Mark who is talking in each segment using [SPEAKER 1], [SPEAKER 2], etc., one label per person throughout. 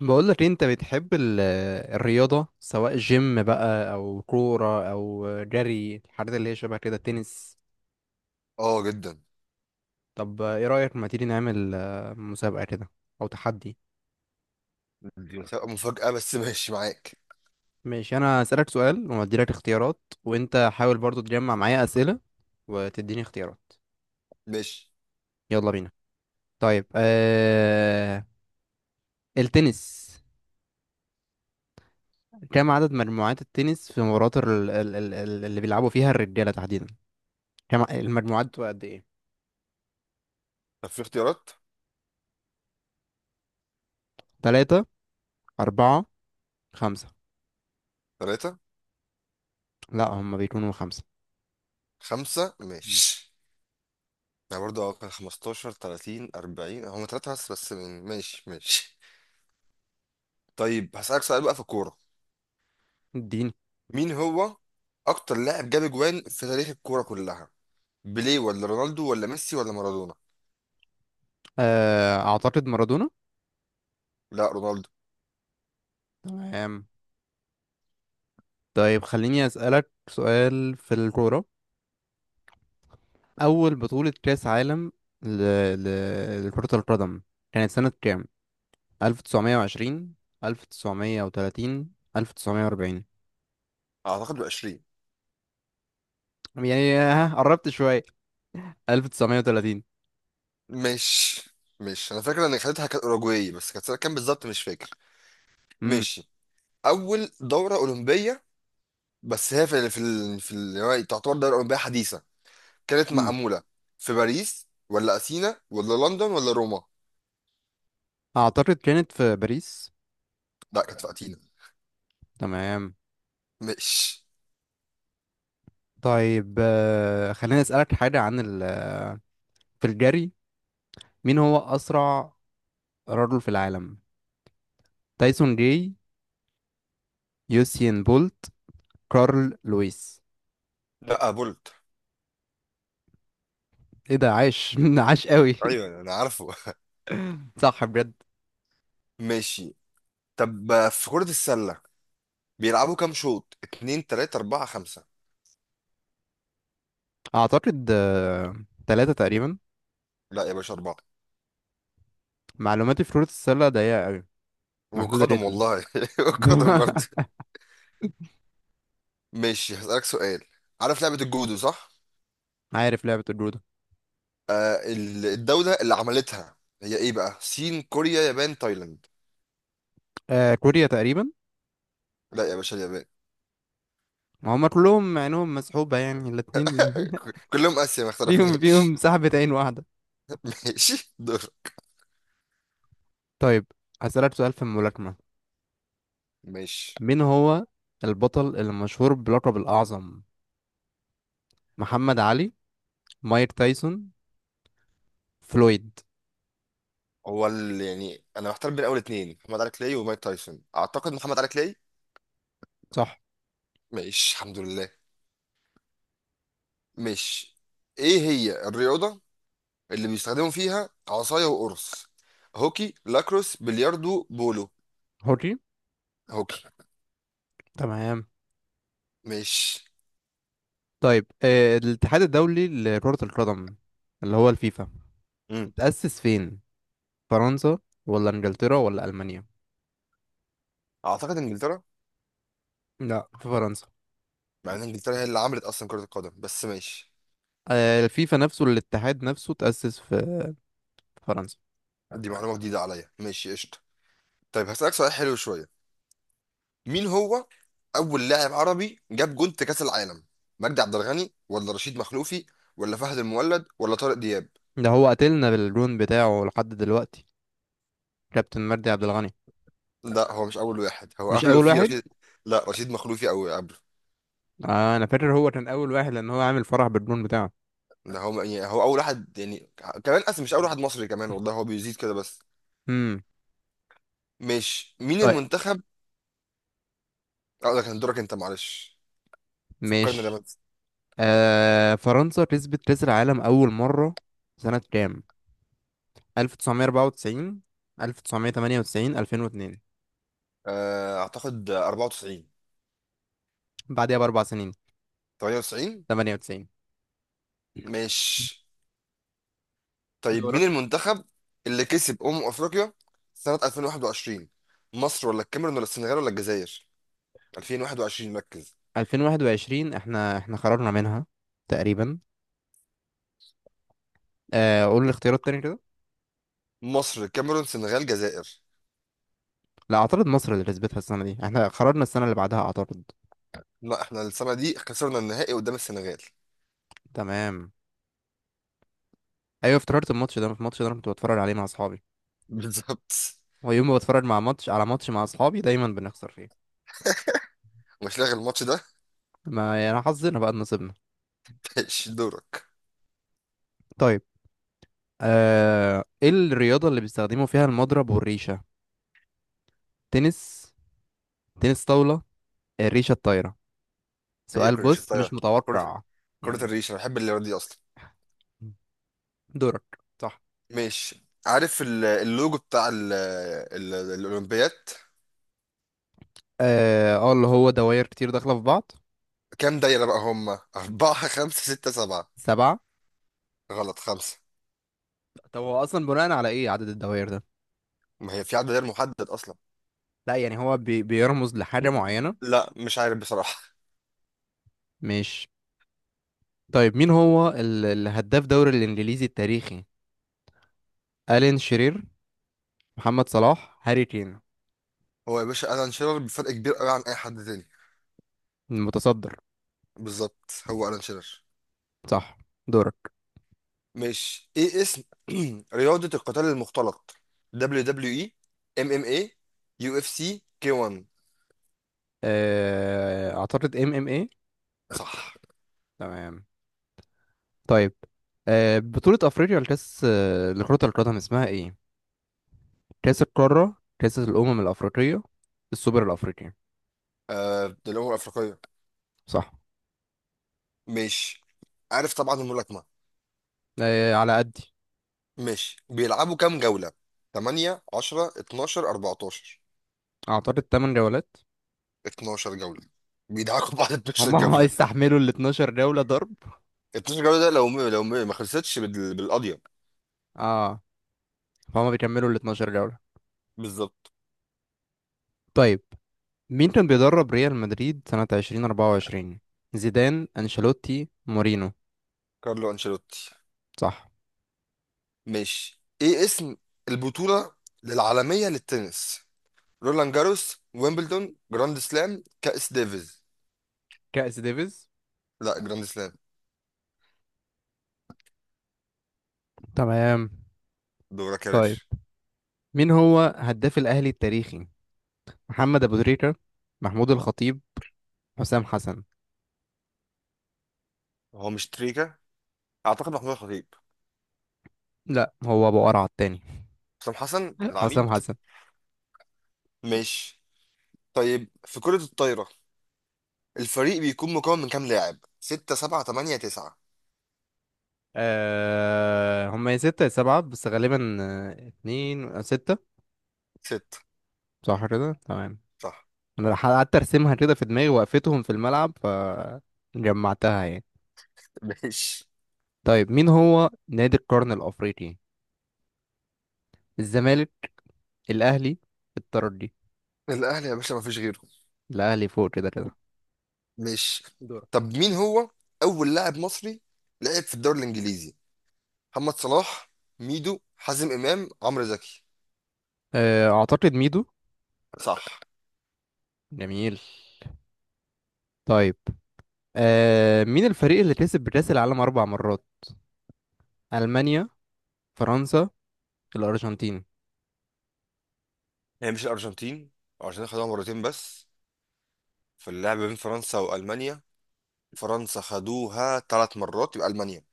[SPEAKER 1] بقولك إيه، انت بتحب الرياضة سواء جيم بقى او كورة او جري الحاجات اللي هي شبه كده تنس.
[SPEAKER 2] اه جدا.
[SPEAKER 1] طب ايه رأيك ما تيجي نعمل مسابقة كده او تحدي.
[SPEAKER 2] دي هتبقى مفاجأة، بس ماشي معاك.
[SPEAKER 1] ماشي، انا هسألك سؤال واديلك اختيارات وانت حاول برضو تجمع معايا أسئلة وتديني اختيارات.
[SPEAKER 2] ماشي،
[SPEAKER 1] يلا بينا. طيب التنس، كم عدد مجموعات التنس في مباريات اللي بيلعبوا فيها الرجالة تحديدا، كم المجموعات بتبقى قد ايه؟
[SPEAKER 2] طب في اختيارات؟
[SPEAKER 1] تلاتة، أربعة، خمسة.
[SPEAKER 2] ثلاثة.
[SPEAKER 1] لا هم بيكونوا خمسة.
[SPEAKER 2] خمسة،
[SPEAKER 1] مم.
[SPEAKER 2] ماشي. يعني برضه كان 15 30 40، هم ثلاثة بس ماشي، ماشي. طيب، هسألك سؤال بقى في الكورة.
[SPEAKER 1] الدين.
[SPEAKER 2] مين هو أكتر لاعب جاب أجوان في تاريخ الكورة كلها؟ بيليه، ولا رونالدو، ولا ميسي، ولا مارادونا؟
[SPEAKER 1] آه أعتقد مارادونا.
[SPEAKER 2] لا، رونالدو.
[SPEAKER 1] تمام. طيب خليني أسألك سؤال في الكورة، أول بطولة كأس عالم ل... لكرة القدم كانت سنة كام؟ 1920، 1930، 1940.
[SPEAKER 2] أعتقد ب 20.
[SPEAKER 1] يعني ها قربت شوية، 1930.
[SPEAKER 2] ماشي. ماشي، أنا فاكر إن خدتها كانت أوروجواي، بس كانت سنة كام بالظبط مش فاكر.
[SPEAKER 1] امم
[SPEAKER 2] ماشي. أول دورة أولمبية، بس هي يعني تعتبر دولة أوروبية حديثة، كانت
[SPEAKER 1] مم.
[SPEAKER 2] معمولة في باريس، ولا أثينا، ولا لندن، ولا روما؟
[SPEAKER 1] أعتقد كانت في باريس.
[SPEAKER 2] لا، كانت في أثينا.
[SPEAKER 1] تمام.
[SPEAKER 2] مش.
[SPEAKER 1] طيب خليني أسألك حاجة في الجري، مين هو أسرع رجل في العالم؟ تايسون جاي، يوسين بولت، كارل لويس.
[SPEAKER 2] لا، بولت.
[SPEAKER 1] ايه ده، عاش عاش قوي.
[SPEAKER 2] أيوه، أنا عارفه.
[SPEAKER 1] صح بجد.
[SPEAKER 2] ماشي. طب في كرة السلة، بيلعبوا كام شوط؟ اتنين، تلاتة، أربعة، خمسة؟
[SPEAKER 1] اعتقد تلاتة تقريبا.
[SPEAKER 2] لا يا باشا، أربعة.
[SPEAKER 1] معلوماتي في كرة السلة ضيقة قوي، محدودة
[SPEAKER 2] والقدم،
[SPEAKER 1] جدا.
[SPEAKER 2] والله والقدم برضه. ماشي، هسألك سؤال. عارف لعبة الجودو، صح؟
[SPEAKER 1] عارف لعبة الجودة.
[SPEAKER 2] الدولة اللي عملتها هي إيه بقى؟ صين، كوريا، يابان، تايلاند؟
[SPEAKER 1] آه كوريا تقريبا.
[SPEAKER 2] لا يا باشا، اليابان.
[SPEAKER 1] هما كلهم عينهم مسحوبة يعني الاتنين.
[SPEAKER 2] كلهم اسيا، ما
[SPEAKER 1] فيهم
[SPEAKER 2] اختلفناش.
[SPEAKER 1] فيهم سحبة عين واحدة.
[SPEAKER 2] ماشي، دور.
[SPEAKER 1] طيب هسألك سؤال في الملاكمة،
[SPEAKER 2] ماشي.
[SPEAKER 1] مين هو البطل المشهور بلقب الأعظم؟ محمد علي، مايك تايسون، فلويد.
[SPEAKER 2] يعني انا محتار بين اول اتنين، محمد علي كلاي ومايك تايسون، اعتقد محمد علي كلاي.
[SPEAKER 1] صح.
[SPEAKER 2] ماشي، الحمد لله. ماشي. ايه هي الرياضة اللي بيستخدموا فيها عصاية وقرص؟ هوكي، لاكروس، بلياردو، بولو؟
[SPEAKER 1] حري.
[SPEAKER 2] هوكي.
[SPEAKER 1] تمام.
[SPEAKER 2] ماشي.
[SPEAKER 1] طيب الاتحاد الدولي لكرة القدم اللي هو الفيفا،
[SPEAKER 2] امم.
[SPEAKER 1] اتأسس فين؟ فرنسا ولا انجلترا ولا ألمانيا؟
[SPEAKER 2] اعتقد انجلترا.
[SPEAKER 1] لا، في فرنسا.
[SPEAKER 2] مع ان انجلترا هي اللي عملت اصلا كرة القدم، بس ماشي.
[SPEAKER 1] الفيفا نفسه، الاتحاد نفسه اتأسس في في فرنسا.
[SPEAKER 2] دي معلومة جديدة عليا، ماشي، قشطة. طيب، هسألك سؤال حلو شوية. مين هو اول لاعب عربي جاب جون في كاس العالم؟ مجدي عبد الغني، ولا رشيد مخلوفي، ولا فهد المولد، ولا طارق دياب؟
[SPEAKER 1] ده هو قاتلنا بالجون بتاعه لحد دلوقتي، كابتن مجدي عبد الغني.
[SPEAKER 2] لا، هو مش اول واحد، هو
[SPEAKER 1] مش
[SPEAKER 2] قبله
[SPEAKER 1] أول
[SPEAKER 2] في
[SPEAKER 1] واحد.
[SPEAKER 2] رشيد. لا، رشيد مخلوفي او قبله.
[SPEAKER 1] آه أنا فاكر هو كان أول واحد لأن هو عامل فرح بالجون بتاعه.
[SPEAKER 2] ده هو، يعني هو اول واحد، يعني كمان اصلا مش اول واحد مصري كمان، والله هو بيزيد كده بس.
[SPEAKER 1] امم
[SPEAKER 2] مش. مين
[SPEAKER 1] طيب،
[SPEAKER 2] المنتخب؟ اه، ده كان دورك انت، معلش. فكرني ده
[SPEAKER 1] ماشي.
[SPEAKER 2] بس.
[SPEAKER 1] آه فرنسا كسبت كأس العالم أول مرة سنة كام؟ 1994، 1998، 2002.
[SPEAKER 2] اعتقد 94.
[SPEAKER 1] بعديها بأربع سنين،
[SPEAKER 2] 98.
[SPEAKER 1] 98.
[SPEAKER 2] ماشي. طيب، مين
[SPEAKER 1] دورك.
[SPEAKER 2] المنتخب اللي كسب أمم أفريقيا سنة 2021؟ مصر، ولا الكاميرون، ولا السنغال، ولا الجزائر؟ 2021، ركز.
[SPEAKER 1] 2021 احنا احنا خرجنا منها تقريبا. آه قول الاختيارات تاني كده.
[SPEAKER 2] مصر، الكاميرون، سنغال، جزائر.
[SPEAKER 1] لا اعترض، مصر اللي كسبتها السنة دي، احنا خرجنا السنة اللي بعدها. اعترض.
[SPEAKER 2] لا، احنا السنة دي خسرنا النهائي قدام السنغال.
[SPEAKER 1] تمام. ايوه افتكرت الماتش ده، الماتش ده انا كنت بتفرج عليه مع اصحابي،
[SPEAKER 2] بالظبط.
[SPEAKER 1] ويوم ما بتفرج مع ماتش على ماتش مع اصحابي دايما بنخسر فيه.
[SPEAKER 2] مش لاغي الماتش ده.
[SPEAKER 1] ما يعني حظنا بقى إن نصيبنا.
[SPEAKER 2] ماشي، دورك.
[SPEAKER 1] طيب آه ايه الرياضة اللي بيستخدموا فيها المضرب والريشة؟ تنس، تنس طاولة، الريشة الطايرة.
[SPEAKER 2] هي
[SPEAKER 1] سؤال
[SPEAKER 2] كرة الريش
[SPEAKER 1] بص مش
[SPEAKER 2] الطايرة. كرة
[SPEAKER 1] متوقع.
[SPEAKER 2] كرة
[SPEAKER 1] يعني،
[SPEAKER 2] الريش انا بحب اللي دي اصلا.
[SPEAKER 1] دورك. صح.
[SPEAKER 2] ماشي، عارف اللوجو بتاع ال الأولمبياد؟
[SPEAKER 1] اه اللي هو دوائر كتير داخلة في بعض.
[SPEAKER 2] كام دايرة بقى هم؟ أربعة، خمسة، ستة، سبعة؟
[SPEAKER 1] سبعة.
[SPEAKER 2] غلط، خمسة.
[SPEAKER 1] طب هو أصلا بناء على إيه عدد الدوائر ده؟
[SPEAKER 2] ما هي في عدد غير محدد أصلا.
[SPEAKER 1] لا يعني هو بيرمز لحاجة معينة.
[SPEAKER 2] لا، مش عارف بصراحة.
[SPEAKER 1] مش. طيب مين هو الهداف دوري الإنجليزي التاريخي؟ ألين شرير، محمد صلاح، هاري كين.
[SPEAKER 2] هو يا باشا ألان شيرر، بفرق كبير قوي عن أي حد تاني.
[SPEAKER 1] المتصدر.
[SPEAKER 2] بالظبط، هو ألان شيرر.
[SPEAKER 1] صح. دورك.
[SPEAKER 2] مش، إيه اسم رياضة القتال المختلط؟ دبليو دبليو إي، إم إم إيه، يو إف سي، كي 1؟
[SPEAKER 1] أعتقد ام ام ايه.
[SPEAKER 2] صح.
[SPEAKER 1] تمام. طيب، بطولة أفريقيا لكأس لكرة القدم اسمها إيه؟ كأس القارة، كأس الأمم الأفريقية، السوبر الأفريقي.
[SPEAKER 2] آه، دي الأمم الأفريقية.
[SPEAKER 1] صح.
[SPEAKER 2] مش. عارف طبعا الملاكمة.
[SPEAKER 1] آه على قدي.
[SPEAKER 2] مش، بيلعبوا كام جولة؟ 8، 10، 12، 14؟
[SPEAKER 1] أعتقد 8 جولات.
[SPEAKER 2] 12 جولة. بيدعكوا بعض 12
[SPEAKER 1] هم
[SPEAKER 2] جولة.
[SPEAKER 1] هيستحملوا ال 12 جولة ضرب.
[SPEAKER 2] 12 جولة، ده لو ما خلصتش بالقضية.
[SPEAKER 1] اه، فهم بيكملوا ال 12 جولة.
[SPEAKER 2] بالظبط.
[SPEAKER 1] طيب مين كان بيدرب ريال مدريد سنة 2024؟ زيدان، أنشيلوتي، مورينو.
[SPEAKER 2] كارلو أنشيلوتي.
[SPEAKER 1] صح.
[SPEAKER 2] ماشي، ايه اسم البطولة العالمية للتنس؟ رولان جاروس، ويمبلدون، جراند سلام، كأس ديفيز؟
[SPEAKER 1] كأس ديفيز.
[SPEAKER 2] لا، جراند سلام.
[SPEAKER 1] تمام.
[SPEAKER 2] دورك يا
[SPEAKER 1] طيب
[SPEAKER 2] باشا.
[SPEAKER 1] مين هو هداف الأهلي التاريخي؟ محمد أبو تريكة، محمود الخطيب، حسام حسن.
[SPEAKER 2] هو مش تريكا، اعتقد محمود الخطيب.
[SPEAKER 1] لا هو أبو قرعة التاني.
[SPEAKER 2] حسام حسن،
[SPEAKER 1] حسام
[SPEAKER 2] العميد.
[SPEAKER 1] حسن.
[SPEAKER 2] ماشي. طيب، في كرة الطايرة الفريق بيكون مكون من كام لاعب؟ ستة، سبعة، تمانية، تسعة؟
[SPEAKER 1] أه هم يا ستة يا سبعة، بس غالبا اتنين أو ستة.
[SPEAKER 2] ستة.
[SPEAKER 1] صح كده تمام.
[SPEAKER 2] صح.
[SPEAKER 1] أنا قعدت أرسمها كده في دماغي، وقفتهم في الملعب فجمعتها يعني.
[SPEAKER 2] ماشي.
[SPEAKER 1] طيب مين هو نادي القرن الأفريقي؟ الزمالك، الأهلي، الترجي.
[SPEAKER 2] الأهلي يا باشا، مفيش غيره.
[SPEAKER 1] الأهلي فوق كده كده.
[SPEAKER 2] ماشي.
[SPEAKER 1] دورك.
[SPEAKER 2] طب، مين هو أول لاعب مصري لعب في الدوري الإنجليزي؟ محمد صلاح، ميدو، حازم امام، عمرو زكي؟
[SPEAKER 1] أه أعتقد ميدو.
[SPEAKER 2] صح.
[SPEAKER 1] جميل. طيب، أه مين الفريق اللي كسب كأس العالم أربع مرات؟ ألمانيا، فرنسا، الأرجنتين.
[SPEAKER 2] هي مش الارجنتين. الارجنتين خدوها مرتين بس. في اللعب بين فرنسا والمانيا، فرنسا خدوها 3 مرات، يبقى المانيا.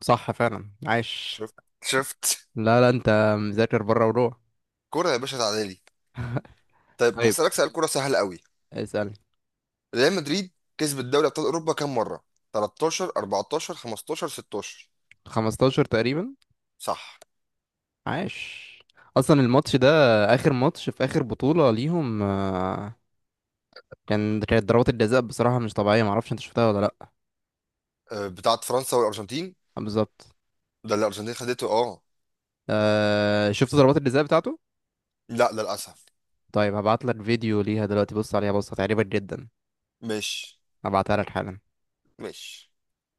[SPEAKER 1] صح فعلا، عاش.
[SPEAKER 2] شفت، شفت.
[SPEAKER 1] لا لا انت مذاكر بره وروح.
[SPEAKER 2] كرة يا باشا، تعالي. طيب،
[SPEAKER 1] طيب
[SPEAKER 2] هسألك سؤال كرة سهل قوي.
[SPEAKER 1] اسأل.
[SPEAKER 2] ريال مدريد كسبت دوري ابطال اوروبا كام مرة؟ 13، 14، 15، 16؟
[SPEAKER 1] 15 تقريبا.
[SPEAKER 2] صح.
[SPEAKER 1] عاش. اصلا الماتش ده، اخر ماتش في اخر بطولة ليهم كان، كانت ضربات الجزاء بصراحة مش طبيعية، معرفش انت شفتها ولا لا.
[SPEAKER 2] أه، بتاعت فرنسا والارجنتين.
[SPEAKER 1] بالظبط.
[SPEAKER 2] ده اللي الارجنتين خدته، اه.
[SPEAKER 1] شفت ضربات الجزاء بتاعته.
[SPEAKER 2] لا للاسف.
[SPEAKER 1] طيب هبعت لك فيديو ليها دلوقتي، بص عليها بص هتعجبك جدا.
[SPEAKER 2] مش
[SPEAKER 1] هبعتها لك حالا.
[SPEAKER 2] مش.